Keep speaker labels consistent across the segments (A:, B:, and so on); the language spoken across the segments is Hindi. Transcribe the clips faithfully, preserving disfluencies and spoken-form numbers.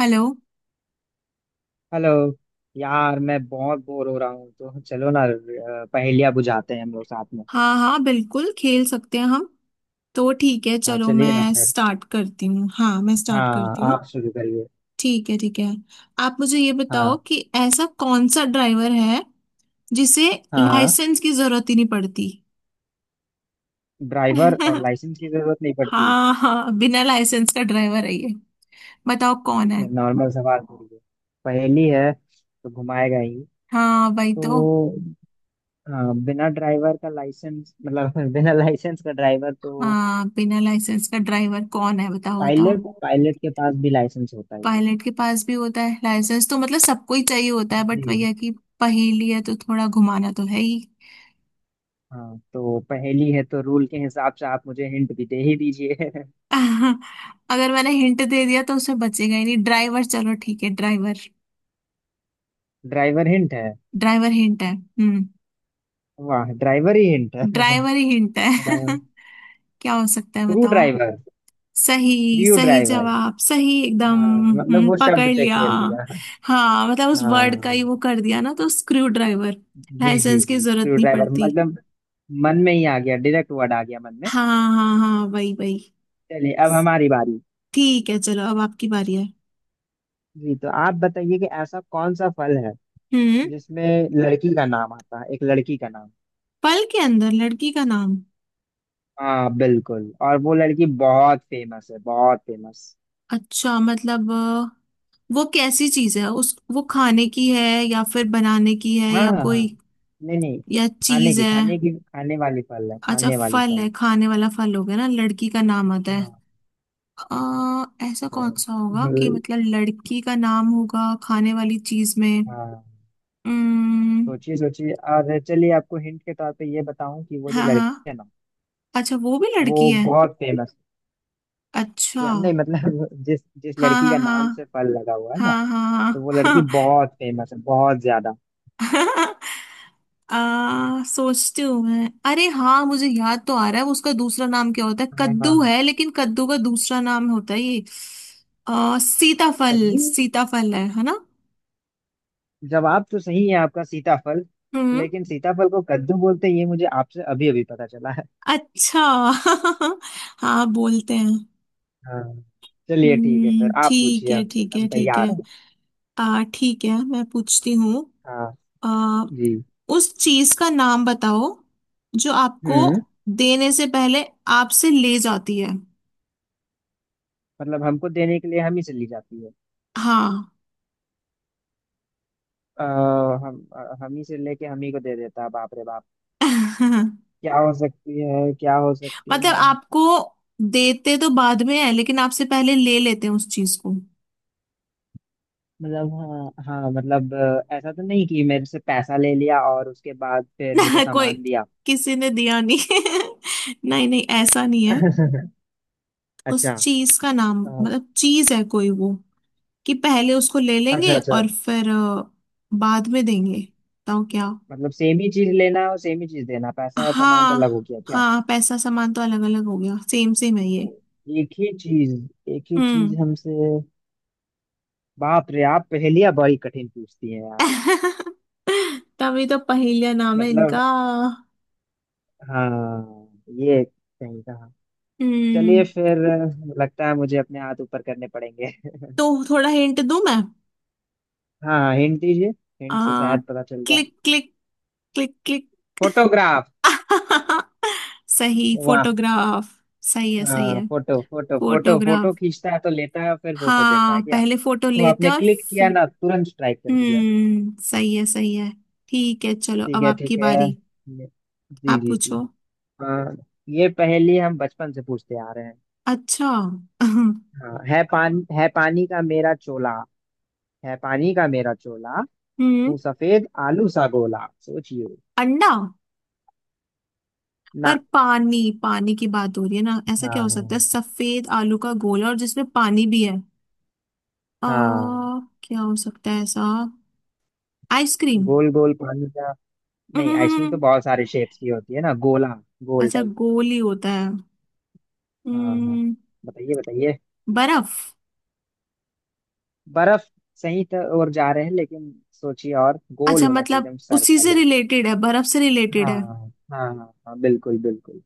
A: हेलो।
B: हेलो। यार मैं बहुत बोर हो रहा हूँ तो चलो ना अ, पहेलियाँ बुझाते हैं हम लोग साथ में।
A: हाँ हाँ बिल्कुल खेल सकते हैं हम। तो ठीक है
B: हाँ,
A: चलो
B: चलिए ना
A: मैं
B: फिर।
A: स्टार्ट करती हूँ। हाँ मैं स्टार्ट
B: हाँ,
A: करती हूँ।
B: आप शुरू करिए।
A: ठीक है ठीक है। आप मुझे ये बताओ
B: हाँ
A: कि ऐसा कौन सा ड्राइवर है जिसे
B: हाँ हाँ।
A: लाइसेंस की जरूरत ही नहीं पड़ती।
B: ड्राइवर और लाइसेंस की जरूरत नहीं पड़ती।
A: हाँ हाँ बिना लाइसेंस का ड्राइवर है ये। बताओ कौन है।
B: ये नॉर्मल सवाल करिए। पहेली है तो घुमाएगा ही।
A: हाँ भाई तो।
B: तो अ, बिना ड्राइवर का लाइसेंस मतलब बिना लाइसेंस का ड्राइवर तो
A: हाँ बिना लाइसेंस का ड्राइवर कौन है बताओ बताओ।
B: पायलट। पायलट के पास भी लाइसेंस होता ही है।
A: पायलट के पास भी होता है लाइसेंस, तो मतलब सबको ही चाहिए होता है। बट
B: जी।
A: भैया की पहेली है तो थोड़ा घुमाना तो है ही।
B: हाँ, तो पहेली है तो रूल के हिसाब से आप मुझे हिंट भी दे ही दीजिए।
A: अगर मैंने हिंट दे दिया तो उसमें बचेगा ही नहीं। ड्राइवर, चलो ठीक है ड्राइवर।
B: ड्राइवर हिंट है।
A: ड्राइवर हिंट है। हम्म।
B: वाह, ड्राइवर ही हिंट है।
A: ड्राइवर ही हिंट है। क्या हो सकता है
B: स्क्रू
A: बताओ।
B: ड्राइवर।
A: सही
B: स्क्रू
A: सही,
B: ड्राइवर।
A: जवाब सही एकदम।
B: हाँ, मतलब
A: हम्म,
B: वो
A: पकड़
B: शब्द पे
A: लिया।
B: खेल दिया।
A: हाँ मतलब उस वर्ड का ही
B: हाँ
A: वो कर दिया ना, तो स्क्रू ड्राइवर।
B: जी जी
A: लाइसेंस की
B: जी,
A: जरूरत
B: स्क्रू
A: नहीं
B: ड्राइवर
A: पड़ती।
B: मतलब मन में ही आ गया, डायरेक्ट वर्ड आ गया मन में।
A: हाँ हाँ हाँ वही वही।
B: चलिए, अब हमारी बारी।
A: ठीक है चलो अब आपकी बारी है।
B: जी, तो आप बताइए कि ऐसा कौन सा फल है
A: हम्म।
B: जिसमें लड़की का नाम आता है, एक लड़की का नाम।
A: पल के अंदर लड़की का नाम।
B: हाँ बिल्कुल, और वो लड़की बहुत फेमस है, बहुत फेमस।
A: अच्छा मतलब अ, वो कैसी चीज है उस वो खाने की है या फिर बनाने की है
B: हाँ
A: या
B: हाँ हाँ।
A: कोई
B: नहीं नहीं,
A: या
B: खाने
A: चीज
B: की,
A: है।
B: खाने की, खाने वाली फल है,
A: अच्छा
B: खाने वाली
A: फल
B: फल।
A: है, खाने वाला फल हो गया ना, लड़की का नाम आता है।
B: हाँ,
A: आ, ऐसा
B: तो
A: कौन सा होगा
B: जो
A: कि मतलब लड़की का नाम होगा खाने वाली चीज में।
B: हाँ,
A: हम्म।
B: सोचिए सोचिए, और चलिए आपको हिंट के तौर पे ये बताऊं कि वो जो
A: हाँ हाँ,
B: लड़की है ना,
A: अच्छा वो भी
B: वो
A: लड़की है।
B: बहुत फेमस
A: अच्छा।
B: या नहीं, मतलब जिस जिस
A: हाँ
B: लड़की
A: हाँ
B: का नाम से फल
A: हाँ
B: लगा हुआ है ना,
A: हाँ
B: तो
A: हाँ
B: वो लड़की
A: हाँ।
B: बहुत फेमस है, बहुत ज्यादा।
A: आ, सोचती हूँ मैं। अरे हाँ मुझे याद तो आ रहा है उसका दूसरा नाम क्या होता है
B: हाँ,
A: कद्दू है, लेकिन कद्दू का दूसरा नाम होता है ये। आ, सीताफल,
B: कद्दू।
A: सीताफल है है ना।
B: जवाब तो सही है आपका, सीताफल।
A: हम्म।
B: लेकिन सीताफल को कद्दू बोलते हैं, ये मुझे आपसे अभी अभी पता चला है।
A: अच्छा। हाँ बोलते हैं।
B: हाँ। चलिए, ठीक है फिर
A: हम्म
B: आप
A: ठीक
B: पूछिए
A: है
B: हमसे,
A: ठीक है
B: हम
A: ठीक है।
B: तैयार हैं।
A: आ ठीक है मैं पूछती हूँ।
B: हाँ।
A: आ
B: जी।
A: उस चीज का नाम बताओ जो आपको
B: हम्म।
A: देने से पहले आपसे ले जाती है।
B: मतलब हमको देने के लिए हम ही चली जाती है।
A: हाँ।
B: अ, हम अ, हम ही से लेके हम ही को दे देता है, बाप रे बाप।
A: मतलब
B: क्या हो सकती है, क्या हो सकती है।
A: आपको देते तो बाद में है, लेकिन आपसे पहले ले लेते हैं उस चीज को।
B: मतलब हाँ हाँ, मतलब अ, ऐसा तो नहीं कि मेरे से पैसा ले लिया और उसके बाद फिर मुझे
A: कोई
B: सामान दिया।
A: किसी ने दिया नहीं। नहीं नहीं ऐसा नहीं है।
B: अच्छा।
A: उस चीज का नाम,
B: अ,
A: मतलब चीज है कोई वो कि पहले उसको ले
B: अच्छा
A: लेंगे
B: अच्छा,
A: और फिर अ, बाद में देंगे। बताओ क्या।
B: मतलब सेम ही चीज लेना और सेम ही चीज देना, पैसा और सामान तो अलग हो
A: हाँ
B: गया क्या।
A: हाँ पैसा सामान तो अलग अलग हो गया, सेम सेम है ये।
B: एक ही चीज। एक ही चीज
A: हम्म।
B: हमसे। बाप रे, आप पहेलियां बड़ी कठिन पूछती हैं यार।
A: तभी तो पहेलिया नाम है
B: मतलब,
A: इनका।
B: हाँ, ये कहीं का।
A: हम्म।
B: चलिए फिर। लगता है मुझे अपने हाथ ऊपर करने पड़ेंगे।
A: तो थोड़ा हिंट दूं मैं।
B: हाँ, हिंट दीजिए।
A: आ,
B: हिंट से शायद पता चल जाए।
A: Click click, click click.
B: Photograph.
A: सही
B: वाह।
A: फोटोग्राफ। सही है सही
B: हाँ,
A: है।
B: Photo photo photo photo
A: photograph.
B: खींचता है तो लेता है फिर फोटो देता
A: हाँ
B: है क्या।
A: पहले फोटो
B: वो
A: लेते
B: आपने
A: और
B: क्लिक किया
A: फिर-
B: ना, तुरंत स्ट्राइक कर दिया।
A: हम्म सही है सही है। ठीक है चलो
B: ठीक
A: अब
B: है, ठीक
A: आपकी
B: है।
A: बारी।
B: ये- जी
A: आप
B: जी जी।
A: पूछो।
B: हाँ, ये पहेली हम बचपन से पूछते आ रहे हैं।
A: अच्छा।
B: हाँ, है पान है पानी का मेरा चोला। है पानी का मेरा चोला।
A: हम्म।
B: हूँ सफेद आलू सा गोला, सोचिए।
A: अंडा। पर
B: ना।
A: पानी, पानी की बात हो रही है ना, ऐसा क्या हो सकता है
B: हाँ
A: सफेद आलू का गोला और जिसमें पानी भी है। आ,
B: हाँ।
A: क्या हो सकता है ऐसा। आइसक्रीम।
B: गोल गोल पानी का। नहीं, आइसक्रीम तो
A: हम्म।
B: बहुत सारे शेप्स की होती है ना। गोला, गोल
A: अच्छा
B: टाइप।
A: गोली होता है।
B: हाँ हाँ,
A: हम्म।
B: बताइए बताइए।
A: बर्फ।
B: बर्फ। सही तो और जा रहे हैं, लेकिन सोचिए और गोल
A: अच्छा
B: होना चाहिए,
A: मतलब
B: एकदम
A: उसी से
B: सर्कल।
A: रिलेटेड है, बर्फ से रिलेटेड
B: हाँ
A: है।
B: हाँ हाँ हाँ, बिल्कुल बिल्कुल।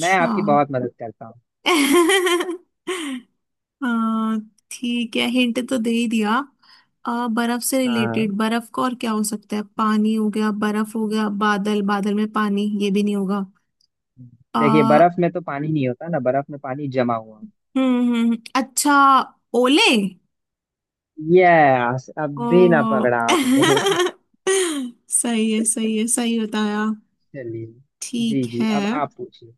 B: मैं आपकी बहुत मदद करता हूँ।
A: हाँ। ठीक है हिंट तो दे ही दिया। आ, बर्फ से
B: हाँ।
A: रिलेटेड, बर्फ का और क्या हो सकता है। पानी हो गया, बर्फ हो गया, बादल, बादल में पानी ये भी नहीं होगा।
B: देखिए,
A: आ,
B: बर्फ में तो पानी नहीं होता ना, बर्फ में पानी जमा हुआ होता
A: हम्म हम्म, हम्म, अच्छा। ओले।
B: है। यस, अब भी ना
A: ओ।
B: पकड़ा आपने।
A: सही है सही है सही बताया।
B: चलिए। जी
A: ठीक
B: जी,
A: है।
B: अब आप पूछिए।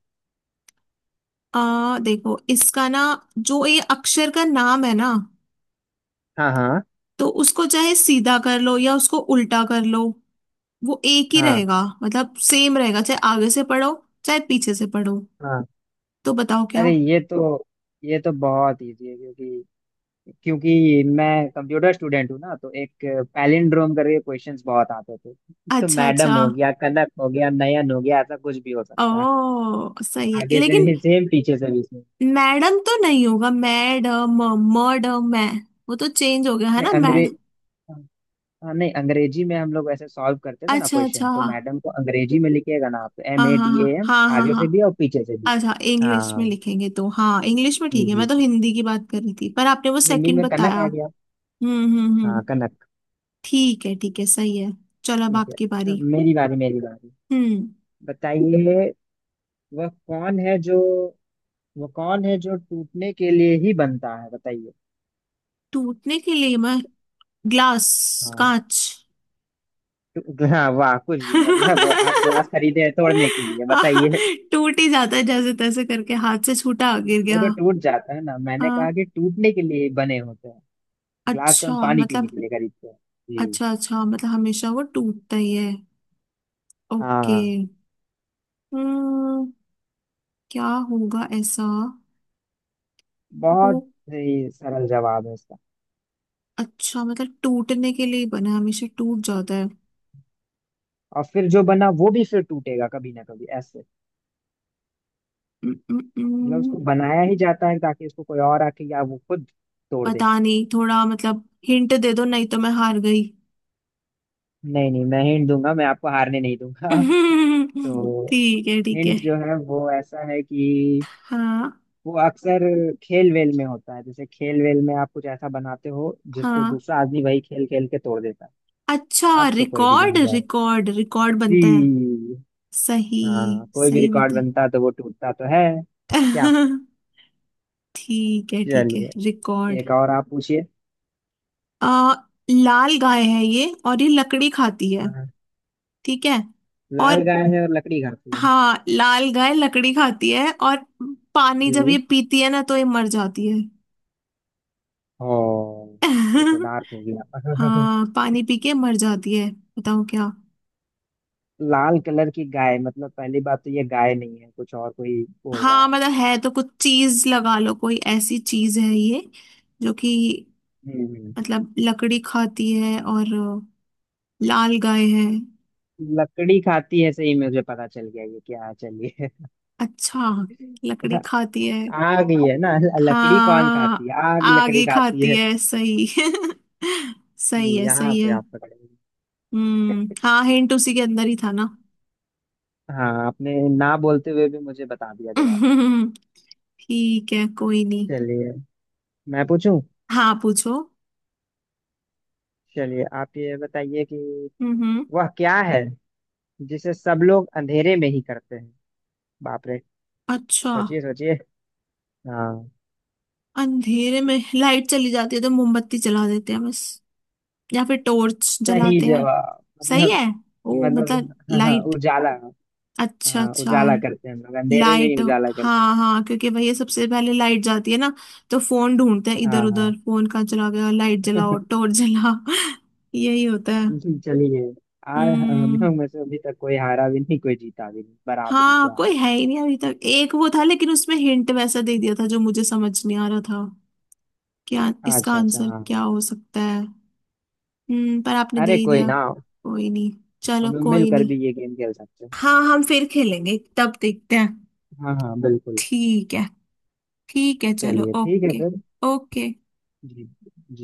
A: आ देखो इसका ना जो ये अक्षर का नाम है ना
B: हाँ
A: तो उसको चाहे सीधा कर लो या उसको उल्टा कर लो, वो एक ही
B: हाँ
A: रहेगा, मतलब सेम रहेगा, चाहे आगे से पढ़ो चाहे पीछे से पढ़ो।
B: हाँ।
A: तो बताओ क्या।
B: अरे, ये तो ये तो बहुत इजी है, क्योंकि क्योंकि मैं कंप्यूटर स्टूडेंट हूँ ना, तो एक पैलिंड्रोम करके क्वेश्चंस बहुत आते थे। तो
A: अच्छा
B: मैडम
A: अच्छा।
B: हो गया, कनक हो गया, नयन हो गया, ऐसा कुछ भी हो सकता है।
A: ओ सही है,
B: आगे से
A: लेकिन
B: भी सेम, पीछे से भी सेम।
A: मैडम तो नहीं होगा, मैड म, मड मैं, वो तो चेंज हो गया है
B: नहीं,
A: ना मैड।
B: अंग्रेज हाँ, नहीं, अंग्रेजी में हम लोग ऐसे सॉल्व करते थे ना
A: अच्छा अच्छा
B: क्वेश्चन, तो
A: हाँ
B: मैडम को अंग्रेजी में लिखिएगा ना आप, तो
A: हाँ
B: एम ए
A: हाँ
B: डी ए एम,
A: हाँ हाँ
B: आगे से
A: हाँ।
B: भी और पीछे से भी।
A: अच्छा इंग्लिश में
B: हाँ
A: लिखेंगे तो हाँ इंग्लिश में
B: जी
A: ठीक है।
B: जी
A: मैं तो
B: जी।
A: हिंदी की बात कर रही थी पर आपने वो
B: हिंदी
A: सेकंड
B: में कनक
A: बताया।
B: आ गया।
A: हम्म हम्म
B: हाँ,
A: हम्म
B: कनक।
A: ठीक है ठीक है सही है। चलो अब
B: ठीक
A: आपकी
B: है,
A: बारी।
B: मेरी बारी मेरी बारी।
A: हम्म।
B: बताइए। वह कौन है जो वह कौन है जो टूटने के लिए ही बनता है, बताइए।
A: टूटने के लिए मैं। ग्लास।
B: हाँ।
A: कांच।
B: टू- हाँ, वाह, कुछ भी मतलब आप ग्लास खरीदे हैं तोड़ने के लिए,
A: आह,
B: बताइए।
A: टूट ही जाता है जैसे तैसे करके हाथ से छूटा गिर
B: वो
A: गया।
B: तो टूट जाता है ना, मैंने कहा
A: हाँ
B: कि टूटने के लिए बने होते हैं। ग्लास तो
A: अच्छा
B: हम पानी
A: मतलब।
B: पीने के लिए खरीदते हैं। जी।
A: अच्छा अच्छा मतलब हमेशा वो टूटता ही है। ओके।
B: हाँ,
A: हम्म क्या होगा ऐसा। वो
B: बहुत ही सरल जवाब है इसका।
A: अच्छा मतलब टूटने के लिए बना है, हमेशा टूट जाता है।
B: और फिर जो बना वो भी फिर टूटेगा कभी ना कभी, ऐसे।
A: उम, उम,
B: मतलब उसको
A: उम,
B: बनाया ही जाता है ताकि उसको कोई और आके या वो खुद तोड़ दे।
A: पता नहीं, थोड़ा मतलब हिंट दे दो नहीं तो मैं हार गई।
B: नहीं नहीं, मैं हिंट दूंगा, मैं आपको हारने नहीं दूंगा। तो
A: ठीक है ठीक है।
B: हिंट जो है वो ऐसा है कि
A: हाँ
B: वो अक्सर खेल वेल में होता है, जैसे खेल वेल में आप कुछ ऐसा बनाते हो जिसको
A: हाँ।
B: दूसरा आदमी वही खेल खेल के तोड़ देता है।
A: अच्छा
B: अब तो कोई भी
A: रिकॉर्ड,
B: जान जाए।
A: रिकॉर्ड रिकॉर्ड बनता है।
B: जी।
A: सही।
B: हाँ, कोई भी
A: सही
B: रिकॉर्ड
A: बता।
B: बनता तो वो टूटता तो है। क्या।
A: ठीक है ठीक है
B: चलिए,
A: रिकॉर्ड।
B: एक और आप पूछिए।
A: आ लाल गाय है ये और ये लकड़ी खाती है।
B: हाँ।
A: ठीक है। और
B: लाल गाय है और लकड़ी घर पे है।
A: हाँ लाल गाय लकड़ी खाती है और पानी
B: जी।
A: जब ये पीती है ना तो ये मर जाती है।
B: ओ, ये तो डार्क हो गया।
A: हाँ पानी पी के मर जाती है। बताओ क्या।
B: लाल कलर की गाय, मतलब पहली बात तो ये गाय नहीं है, कुछ और कोई बोल रहा
A: हाँ
B: है।
A: मतलब है तो कुछ चीज लगा लो। कोई ऐसी चीज है ये जो कि
B: हम्म।
A: मतलब लकड़ी खाती है और लाल गाय है।
B: लकड़ी खाती है, सही में मुझे पता चल गया ये क्या है, चलिए।
A: अच्छा लकड़ी खाती है।
B: आग ही है ना। लकड़ी कौन खाती
A: हाँ
B: है? आग
A: आग
B: लकड़ी
A: ही
B: खाती
A: खाती
B: है।
A: है सही। सही है
B: यहाँ
A: सही
B: पे
A: है।
B: आप पकड़े।
A: हम्म हाँ हिंट उसी के अंदर ही था ना।
B: हाँ, आपने ना बोलते हुए भी मुझे बता दिया जवाब।
A: ठीक है कोई नहीं।
B: चलिए, मैं पूछूं।
A: हाँ पूछो।
B: चलिए, आप ये बताइए कि
A: हम्म।
B: वह क्या है जिसे सब लोग अंधेरे में ही करते हैं। बाप रे।
A: अच्छा
B: सोचिए सोचिए। हाँ।
A: अंधेरे में लाइट चली जाती है तो मोमबत्ती जला देते हैं बस, या फिर टॉर्च
B: सही
A: जलाते हैं।
B: जवाब,
A: सही
B: मतलब।
A: है। ओ
B: मतलब
A: मतलब
B: हाँ हाँ,
A: लाइट।
B: उजाला।
A: अच्छा
B: हाँ,
A: अच्छा।
B: उजाला करते हैं, हम लोग अंधेरे में ही
A: लाइट।
B: उजाला करते हैं।
A: हाँ हाँ क्योंकि भैया सबसे पहले लाइट जाती है ना तो फोन ढूंढते हैं
B: हाँ
A: इधर उधर,
B: हाँ।
A: फोन कहाँ चला गया लाइट जलाओ टॉर्च जला। यही होता है।
B: जी, चलिए। आ हम
A: हम्म।
B: लोग में से अभी तक कोई हारा भी नहीं, कोई जीता भी नहीं, बराबरी
A: हाँ
B: पे आ
A: कोई
B: गए।
A: है ही नहीं अभी तक। एक वो था, लेकिन उसमें हिंट वैसा दे दिया था जो मुझे समझ नहीं आ रहा था क्या इसका
B: अच्छा अच्छा
A: आंसर
B: हाँ।
A: क्या हो सकता है। हम्म। पर आपने दे
B: अरे
A: ही
B: कोई
A: दिया।
B: ना।
A: कोई नहीं, चलो
B: हम लोग
A: कोई
B: मिलकर
A: नहीं।
B: भी ये गेम खेल सकते हैं।
A: हाँ हम फिर खेलेंगे तब देखते हैं।
B: हाँ हाँ, बिल्कुल।
A: ठीक है ठीक है चलो
B: चलिए, ठीक है
A: ओके।
B: फिर।
A: ओके।
B: जी।